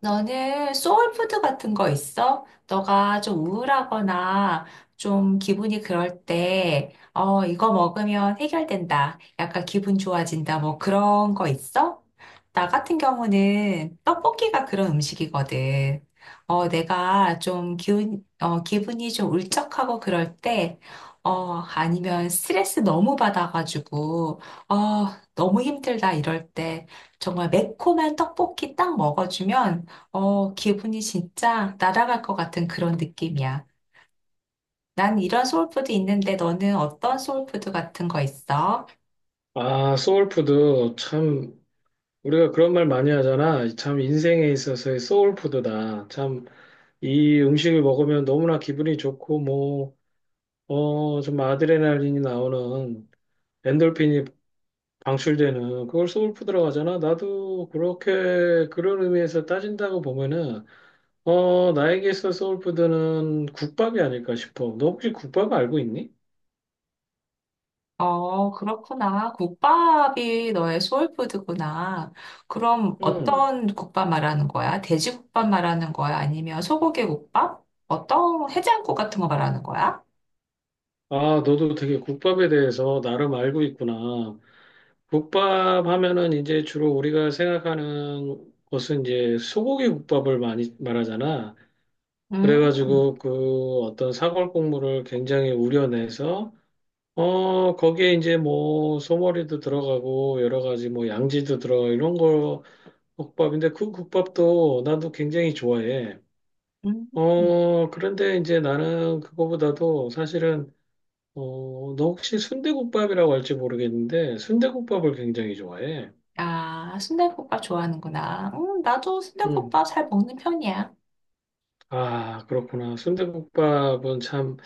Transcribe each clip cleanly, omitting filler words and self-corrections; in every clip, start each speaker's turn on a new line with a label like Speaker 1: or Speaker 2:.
Speaker 1: 너는 소울푸드 같은 거 있어? 너가 좀 우울하거나 좀 기분이 그럴 때, 이거 먹으면 해결된다. 약간 기분 좋아진다. 뭐 그런 거 있어? 나 같은 경우는 떡볶이가 그런 음식이거든. 내가 좀 기분이 좀 울적하고 그럴 때, 아니면 스트레스 너무 받아가지고, 어, 너무 힘들다 이럴 때, 정말 매콤한 떡볶이 딱 먹어주면 기분이 진짜 날아갈 것 같은 그런 느낌이야. 난 이런 소울푸드 있는데 너는 어떤 소울푸드 같은 거 있어?
Speaker 2: 아, 소울푸드. 참, 우리가 그런 말 많이 하잖아. 참, 인생에 있어서의 소울푸드다. 참, 이 음식을 먹으면 너무나 기분이 좋고, 뭐, 좀 아드레날린이 나오는, 엔돌핀이 방출되는, 그걸 소울푸드라고 하잖아. 나도 그렇게, 그런 의미에서 따진다고 보면은, 나에게 있어 소울푸드는 국밥이 아닐까 싶어. 너 혹시 국밥 알고 있니?
Speaker 1: 어, 그렇구나. 국밥이 너의 소울푸드구나. 그럼
Speaker 2: 응.
Speaker 1: 어떤 국밥 말하는 거야? 돼지국밥 말하는 거야? 아니면 소고기 국밥? 어떤 해장국 같은 거 말하는 거야?
Speaker 2: 아, 너도 되게 국밥에 대해서 나름 알고 있구나. 국밥 하면은 이제 주로 우리가 생각하는 것은 이제 소고기 국밥을 많이 말하잖아.
Speaker 1: 음,
Speaker 2: 그래가지고 그 어떤 사골 국물을 굉장히 우려내서 거기에 이제 뭐 소머리도 들어가고 여러 가지 뭐 양지도 들어 이런 거 국밥인데 그 국밥도 나도 굉장히 좋아해.
Speaker 1: 음. 음.
Speaker 2: 그런데 이제 나는 그거보다도 사실은 너 혹시 순대국밥이라고 할지 모르겠는데 순대국밥을 굉장히 좋아해.
Speaker 1: 아, 순대국밥 좋아하는구나. 나도
Speaker 2: 음,
Speaker 1: 순대국밥 잘 먹는 편이야.
Speaker 2: 아, 그렇구나. 순대국밥은 참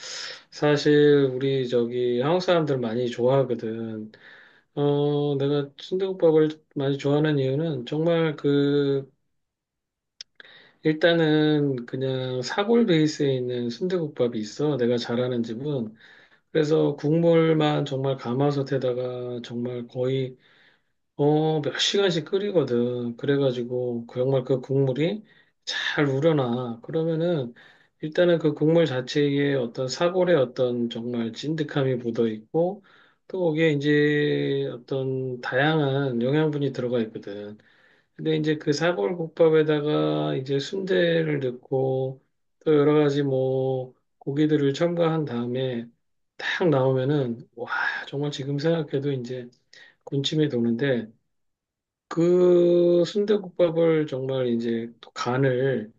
Speaker 2: 사실 우리 저기 한국 사람들 많이 좋아하거든. 내가 순대국밥을 많이 좋아하는 이유는 정말 그 일단은 그냥 사골 베이스에 있는 순대국밥이 있어. 내가 잘하는 집은. 그래서 국물만 정말 가마솥에다가 정말 거의 몇 시간씩 끓이거든. 그래가지고, 그 정말 그 국물이 잘 우러나. 그러면은, 일단은 그 국물 자체에 어떤 사골의 어떤 정말 찐득함이 묻어 있고, 또 거기에 이제 어떤 다양한 영양분이 들어가 있거든. 근데 이제 그 사골국밥에다가 이제 순대를 넣고, 또 여러 가지 뭐, 고기들을 첨가한 다음에, 딱 나오면은, 와, 정말 지금 생각해도 이제 군침이 도는데, 그 순대국밥을 정말 이제 또 간을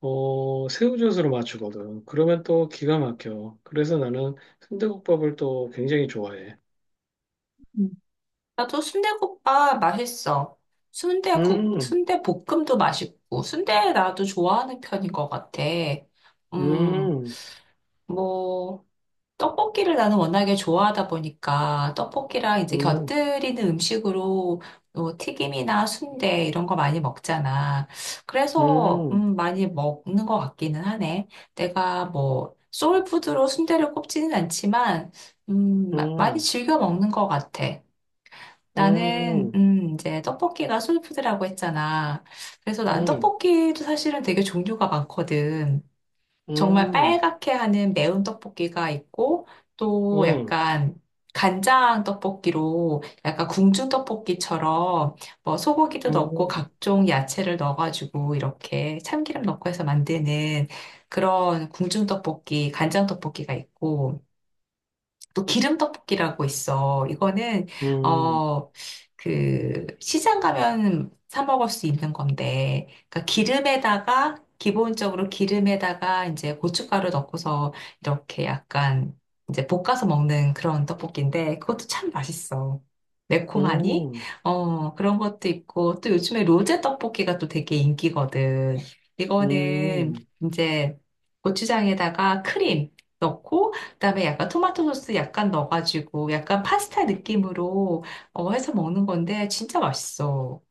Speaker 2: 새우젓으로 맞추거든. 그러면 또 기가 막혀. 그래서 나는 순대국밥을 또 굉장히 좋아해.
Speaker 1: 음. 나도 순대국밥 맛있어. 순대국,
Speaker 2: 음,
Speaker 1: 순대볶음도 맛있고, 순대 나도 좋아하는 편인 것 같아. 음,
Speaker 2: 음,
Speaker 1: 뭐, 떡볶이를 나는 워낙에 좋아하다 보니까, 떡볶이랑 이제
Speaker 2: 음,
Speaker 1: 곁들이는 음식으로 뭐 튀김이나 순대 이런 거 많이 먹잖아. 그래서,
Speaker 2: 음,
Speaker 1: 많이 먹는 것 같기는 하네. 내가 뭐, 소울푸드로 순대를 꼽지는 않지만,
Speaker 2: 음,
Speaker 1: 많이
Speaker 2: 음,
Speaker 1: 즐겨 먹는 것 같아. 나는
Speaker 2: 음,
Speaker 1: 이제 떡볶이가 소울푸드라고 했잖아. 그래서 난 맞아.
Speaker 2: 음,
Speaker 1: 떡볶이도 사실은 되게 종류가 많거든. 정말
Speaker 2: 음,
Speaker 1: 빨갛게 하는 매운 떡볶이가 있고 또
Speaker 2: 음, 음,
Speaker 1: 약간 간장 떡볶이로 약간 궁중 떡볶이처럼 뭐 소고기도 넣고 각종 야채를 넣어가지고 이렇게 참기름 넣고 해서 만드는 그런 궁중 떡볶이, 간장 떡볶이가 있고 또 기름 떡볶이라고 있어. 이거는
Speaker 2: 음,
Speaker 1: 어 그 시장 가면 사 먹을 수 있는 건데, 그러니까 기름에다가 기본적으로 기름에다가 이제 고춧가루 넣고서 이렇게 약간 이제 볶아서 먹는 그런 떡볶이인데 그것도 참 맛있어. 매콤하니? 그런 것도 있고 또 요즘에 로제 떡볶이가 또 되게 인기거든. 이거는
Speaker 2: 음,
Speaker 1: 이제 고추장에다가 크림 넣고 그다음에 약간 토마토 소스 약간 넣어가지고 약간 파스타 느낌으로 해서 먹는 건데 진짜 맛있어.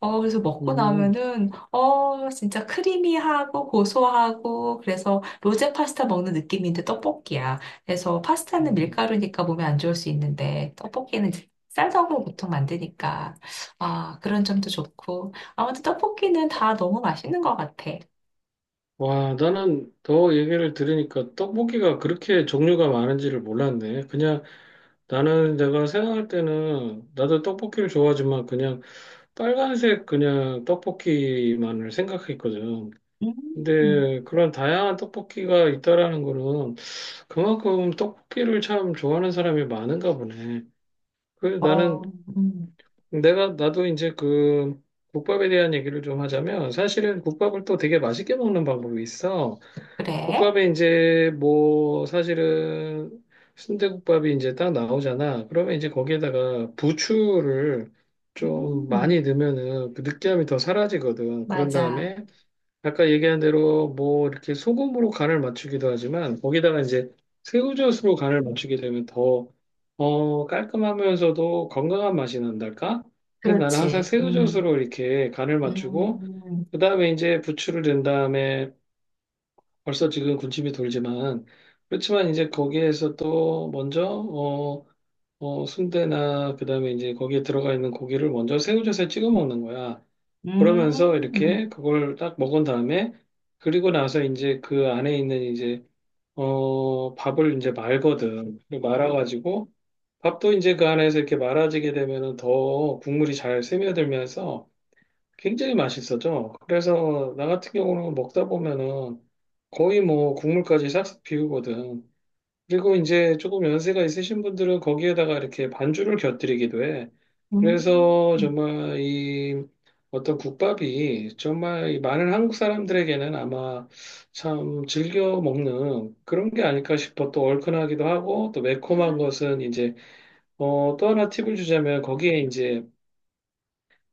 Speaker 1: 그래서 먹고
Speaker 2: 음,
Speaker 1: 나면은 진짜 크리미하고 고소하고 그래서 로제 파스타 먹는 느낌인데 떡볶이야. 그래서 파스타는
Speaker 2: 음.
Speaker 1: 밀가루니까 몸에 안 좋을 수 있는데 떡볶이는 쌀떡으로 보통 만드니까 아, 그런 점도 좋고 아무튼 떡볶이는 다 너무 맛있는 것 같아.
Speaker 2: 와, 나는 더 얘기를 들으니까 떡볶이가 그렇게 종류가 많은지를 몰랐네. 그냥 나는 내가 생각할 때는 나도 떡볶이를 좋아하지만 그냥 빨간색 그냥 떡볶이만을 생각했거든.
Speaker 1: 음.
Speaker 2: 근데 그런 다양한 떡볶이가 있다라는 거는 그만큼 떡볶이를 참 좋아하는 사람이 많은가 보네. 그 나는
Speaker 1: 어,
Speaker 2: 내가 나도 이제 그 국밥에 대한 얘기를 좀 하자면 사실은 국밥을 또 되게 맛있게 먹는 방법이 있어.
Speaker 1: 그래?
Speaker 2: 국밥에 이제 뭐 사실은 순대국밥이 이제 딱 나오잖아. 그러면 이제 거기에다가 부추를 좀
Speaker 1: 음.
Speaker 2: 많이 넣으면은 그 느끼함이 더 사라지거든. 그런
Speaker 1: 맞아.
Speaker 2: 다음에 아까 얘기한 대로 뭐 이렇게 소금으로 간을 맞추기도 하지만 거기다가 이제 새우젓으로 간을 맞추게 되면 더 깔끔하면서도 건강한 맛이 난달까? 그래서 나는 항상
Speaker 1: 그렇지.
Speaker 2: 새우젓으로 이렇게 간을 맞추고
Speaker 1: 음,
Speaker 2: 그다음에 이제 부추를 넣은 다음에 벌써 지금 군침이 돌지만 그렇지만 이제 거기에서 또 먼저 순대나 그다음에 이제 거기에 들어가 있는 고기를 먼저 새우젓에 찍어 먹는 거야. 그러면서
Speaker 1: 음,
Speaker 2: 이렇게 그걸 딱 먹은 다음에 그리고 나서 이제 그 안에 있는 이제 밥을 이제 말거든. 말아가지고 밥도 이제 그 안에서 이렇게 말아지게 되면은 더 국물이 잘 스며들면서 굉장히 맛있어져. 그래서 나 같은 경우는 먹다 보면은 거의 뭐 국물까지 싹싹 비우거든. 그리고 이제 조금 연세가 있으신 분들은 거기에다가 이렇게 반주를 곁들이기도 해.
Speaker 1: 음,
Speaker 2: 그래서 정말 이 어떤 국밥이 정말 이 많은 한국 사람들에게는 아마 참 즐겨 먹는 그런 게 아닐까 싶어. 또 얼큰하기도 하고 또 매콤한 것은 이제 또 하나 팁을 주자면 거기에 이제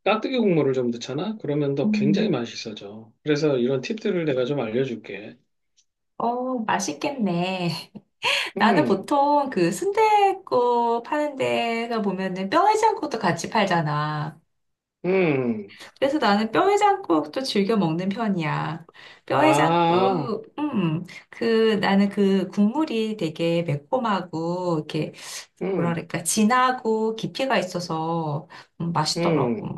Speaker 2: 깍두기 국물을 좀 넣잖아? 그러면 더 굉장히
Speaker 1: 음.
Speaker 2: 맛있어져. 그래서 이런 팁들을 내가 좀 알려줄게.
Speaker 1: 어, 맛있겠네. 나는
Speaker 2: 음,
Speaker 1: 보통 그 순댓국 파는 데가 보면은 뼈 해장국도 같이 팔잖아.
Speaker 2: 음,
Speaker 1: 그래서 나는 뼈 해장국도 즐겨 먹는 편이야. 뼈
Speaker 2: 아,
Speaker 1: 해장국, 그, 나는 그 국물이 되게 매콤하고, 이렇게, 뭐라
Speaker 2: 음,
Speaker 1: 그럴까, 진하고 깊이가 있어서
Speaker 2: 음.
Speaker 1: 맛있더라고.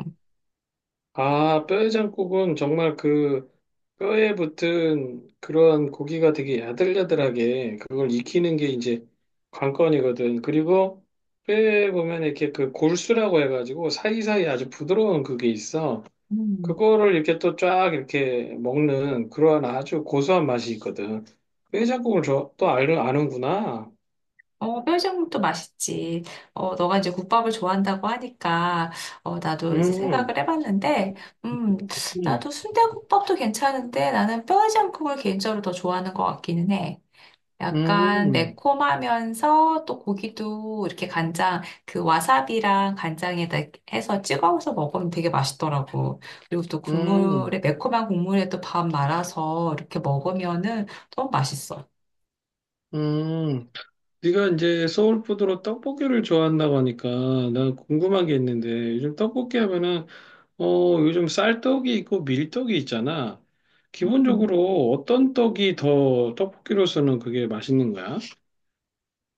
Speaker 2: 아, 뼈해장국은 정말 그 뼈에 붙은 그런 고기가 되게 야들야들하게 그걸 익히는 게 이제 관건이거든. 그리고 뼈에 보면 이렇게 그 골수라고 해가지고 사이사이 아주 부드러운 그게 있어.
Speaker 1: 음.
Speaker 2: 그거를 이렇게 또 쫙 이렇게 먹는 그러한 아주 고소한 맛이 있거든. 깨작국을 저, 또 아는구나.
Speaker 1: 어, 뼈전국도 맛있지. 너가 이제 국밥을 좋아한다고 하니까, 나도 이제
Speaker 2: 음,
Speaker 1: 생각을 해봤는데, 음,
Speaker 2: 음,
Speaker 1: 나도 순대국밥도 괜찮은데, 나는 뼈전국을 개인적으로 더 좋아하는 것 같기는 해. 약간
Speaker 2: 음,
Speaker 1: 매콤하면서 또 고기도 이렇게 간장, 그 와사비랑 간장에다 해서 찍어서 먹으면 되게 맛있더라고. 그리고 또 국물에,
Speaker 2: 음,
Speaker 1: 매콤한 국물에 또 밥 말아서 이렇게 먹으면은 너무 맛있어.
Speaker 2: 음. 네가 이제 서울푸드로 떡볶이를 좋아한다고 하니까 나 궁금한 게 있는데 요즘 떡볶이 하면은 요즘 쌀떡이 있고 밀떡이 있잖아.
Speaker 1: 음.
Speaker 2: 기본적으로 어떤 떡이 더 떡볶이로서는 그게 맛있는 거야?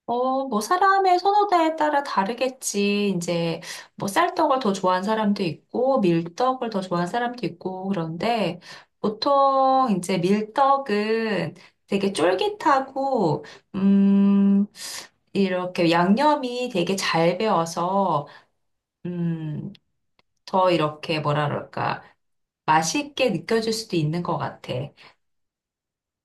Speaker 1: 뭐, 사람의 선호도에 따라 다르겠지. 이제, 뭐, 쌀떡을 더 좋아하는 사람도 있고, 밀떡을 더 좋아하는 사람도 있고, 그런데, 보통, 이제, 밀떡은 되게 쫄깃하고, 음, 이렇게 양념이 되게 잘 배어서, 음, 더 이렇게, 뭐라 그럴까, 맛있게 느껴질 수도 있는 것 같아.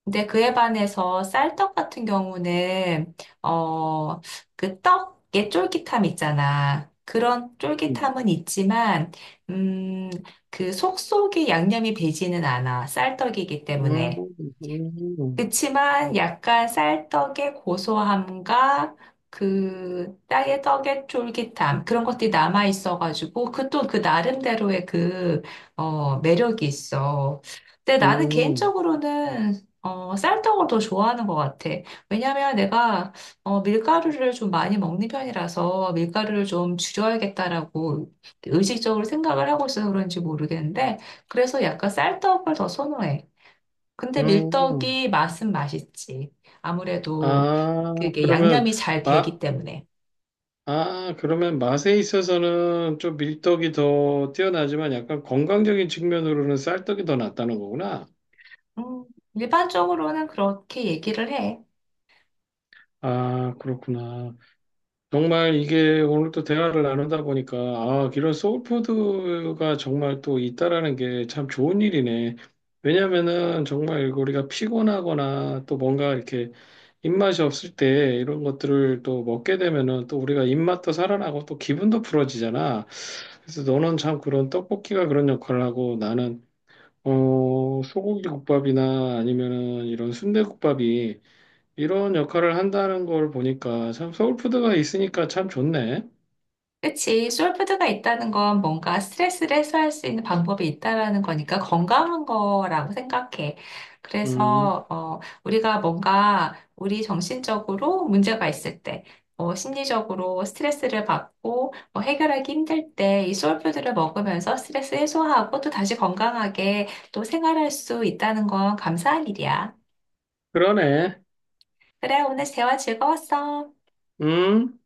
Speaker 1: 근데 그에 반해서 쌀떡 같은 경우는 어, 그 떡의 쫄깃함 있잖아. 그런
Speaker 2: 음,
Speaker 1: 쫄깃함은 있지만 음, 그 속속에 양념이 배지는 않아. 쌀떡이기
Speaker 2: 음,
Speaker 1: 때문에.
Speaker 2: 음.
Speaker 1: 그치만 약간 쌀떡의 고소함과 그 땅의 떡의 쫄깃함 그런 것들이 남아 있어가지고 그 또 그 나름대로의 그 매력이 있어. 근데 나는
Speaker 2: 음.
Speaker 1: 개인적으로는 쌀떡을 더 좋아하는 것 같아. 왜냐면 내가 밀가루를 좀 많이 먹는 편이라서 밀가루를 좀 줄여야겠다라고 의식적으로 생각을 하고 있어서 그런지 모르겠는데 그래서 약간 쌀떡을 더 선호해. 근데
Speaker 2: 음,
Speaker 1: 밀떡이 맛은 맛있지. 아무래도
Speaker 2: 아,
Speaker 1: 그게
Speaker 2: 그러면,
Speaker 1: 양념이 잘
Speaker 2: 마,
Speaker 1: 되기 때문에.
Speaker 2: 아, 그러면 맛에 있어서는 좀 밀떡이 더 뛰어나지만 약간 건강적인 측면으로는 쌀떡이 더 낫다는 거구나.
Speaker 1: 음, 일반적으로는 그렇게 얘기를 해.
Speaker 2: 아, 그렇구나. 정말 이게 오늘 또 대화를 나누다 보니까 아, 이런 소울푸드가 정말 또 있다라는 게 참 좋은 일이네. 왜냐면은 정말 우리가 피곤하거나 또 뭔가 이렇게 입맛이 없을 때 이런 것들을 또 먹게 되면은 또 우리가 입맛도 살아나고 또 기분도 풀어지잖아. 그래서 너는 참 그런 떡볶이가 그런 역할을 하고 나는 소고기 국밥이나 아니면은 이런 순대국밥이 이런 역할을 한다는 걸 보니까 참 서울푸드가 있으니까 참 좋네.
Speaker 1: 그치. 솔푸드가 있다는 건 뭔가 스트레스를 해소할 수 있는 방법이 있다라는 거니까 건강한 거라고 생각해.
Speaker 2: 음,
Speaker 1: 그래서, 우리가 뭔가 우리 정신적으로 문제가 있을 때, 심리적으로 스트레스를 받고 뭐 해결하기 힘들 때 이 솔푸드를 먹으면서 스트레스 해소하고 또 다시 건강하게 또 생활할 수 있다는 건 감사한 일이야.
Speaker 2: 그러네.
Speaker 1: 그래, 오늘 대화 즐거웠어.
Speaker 2: 음.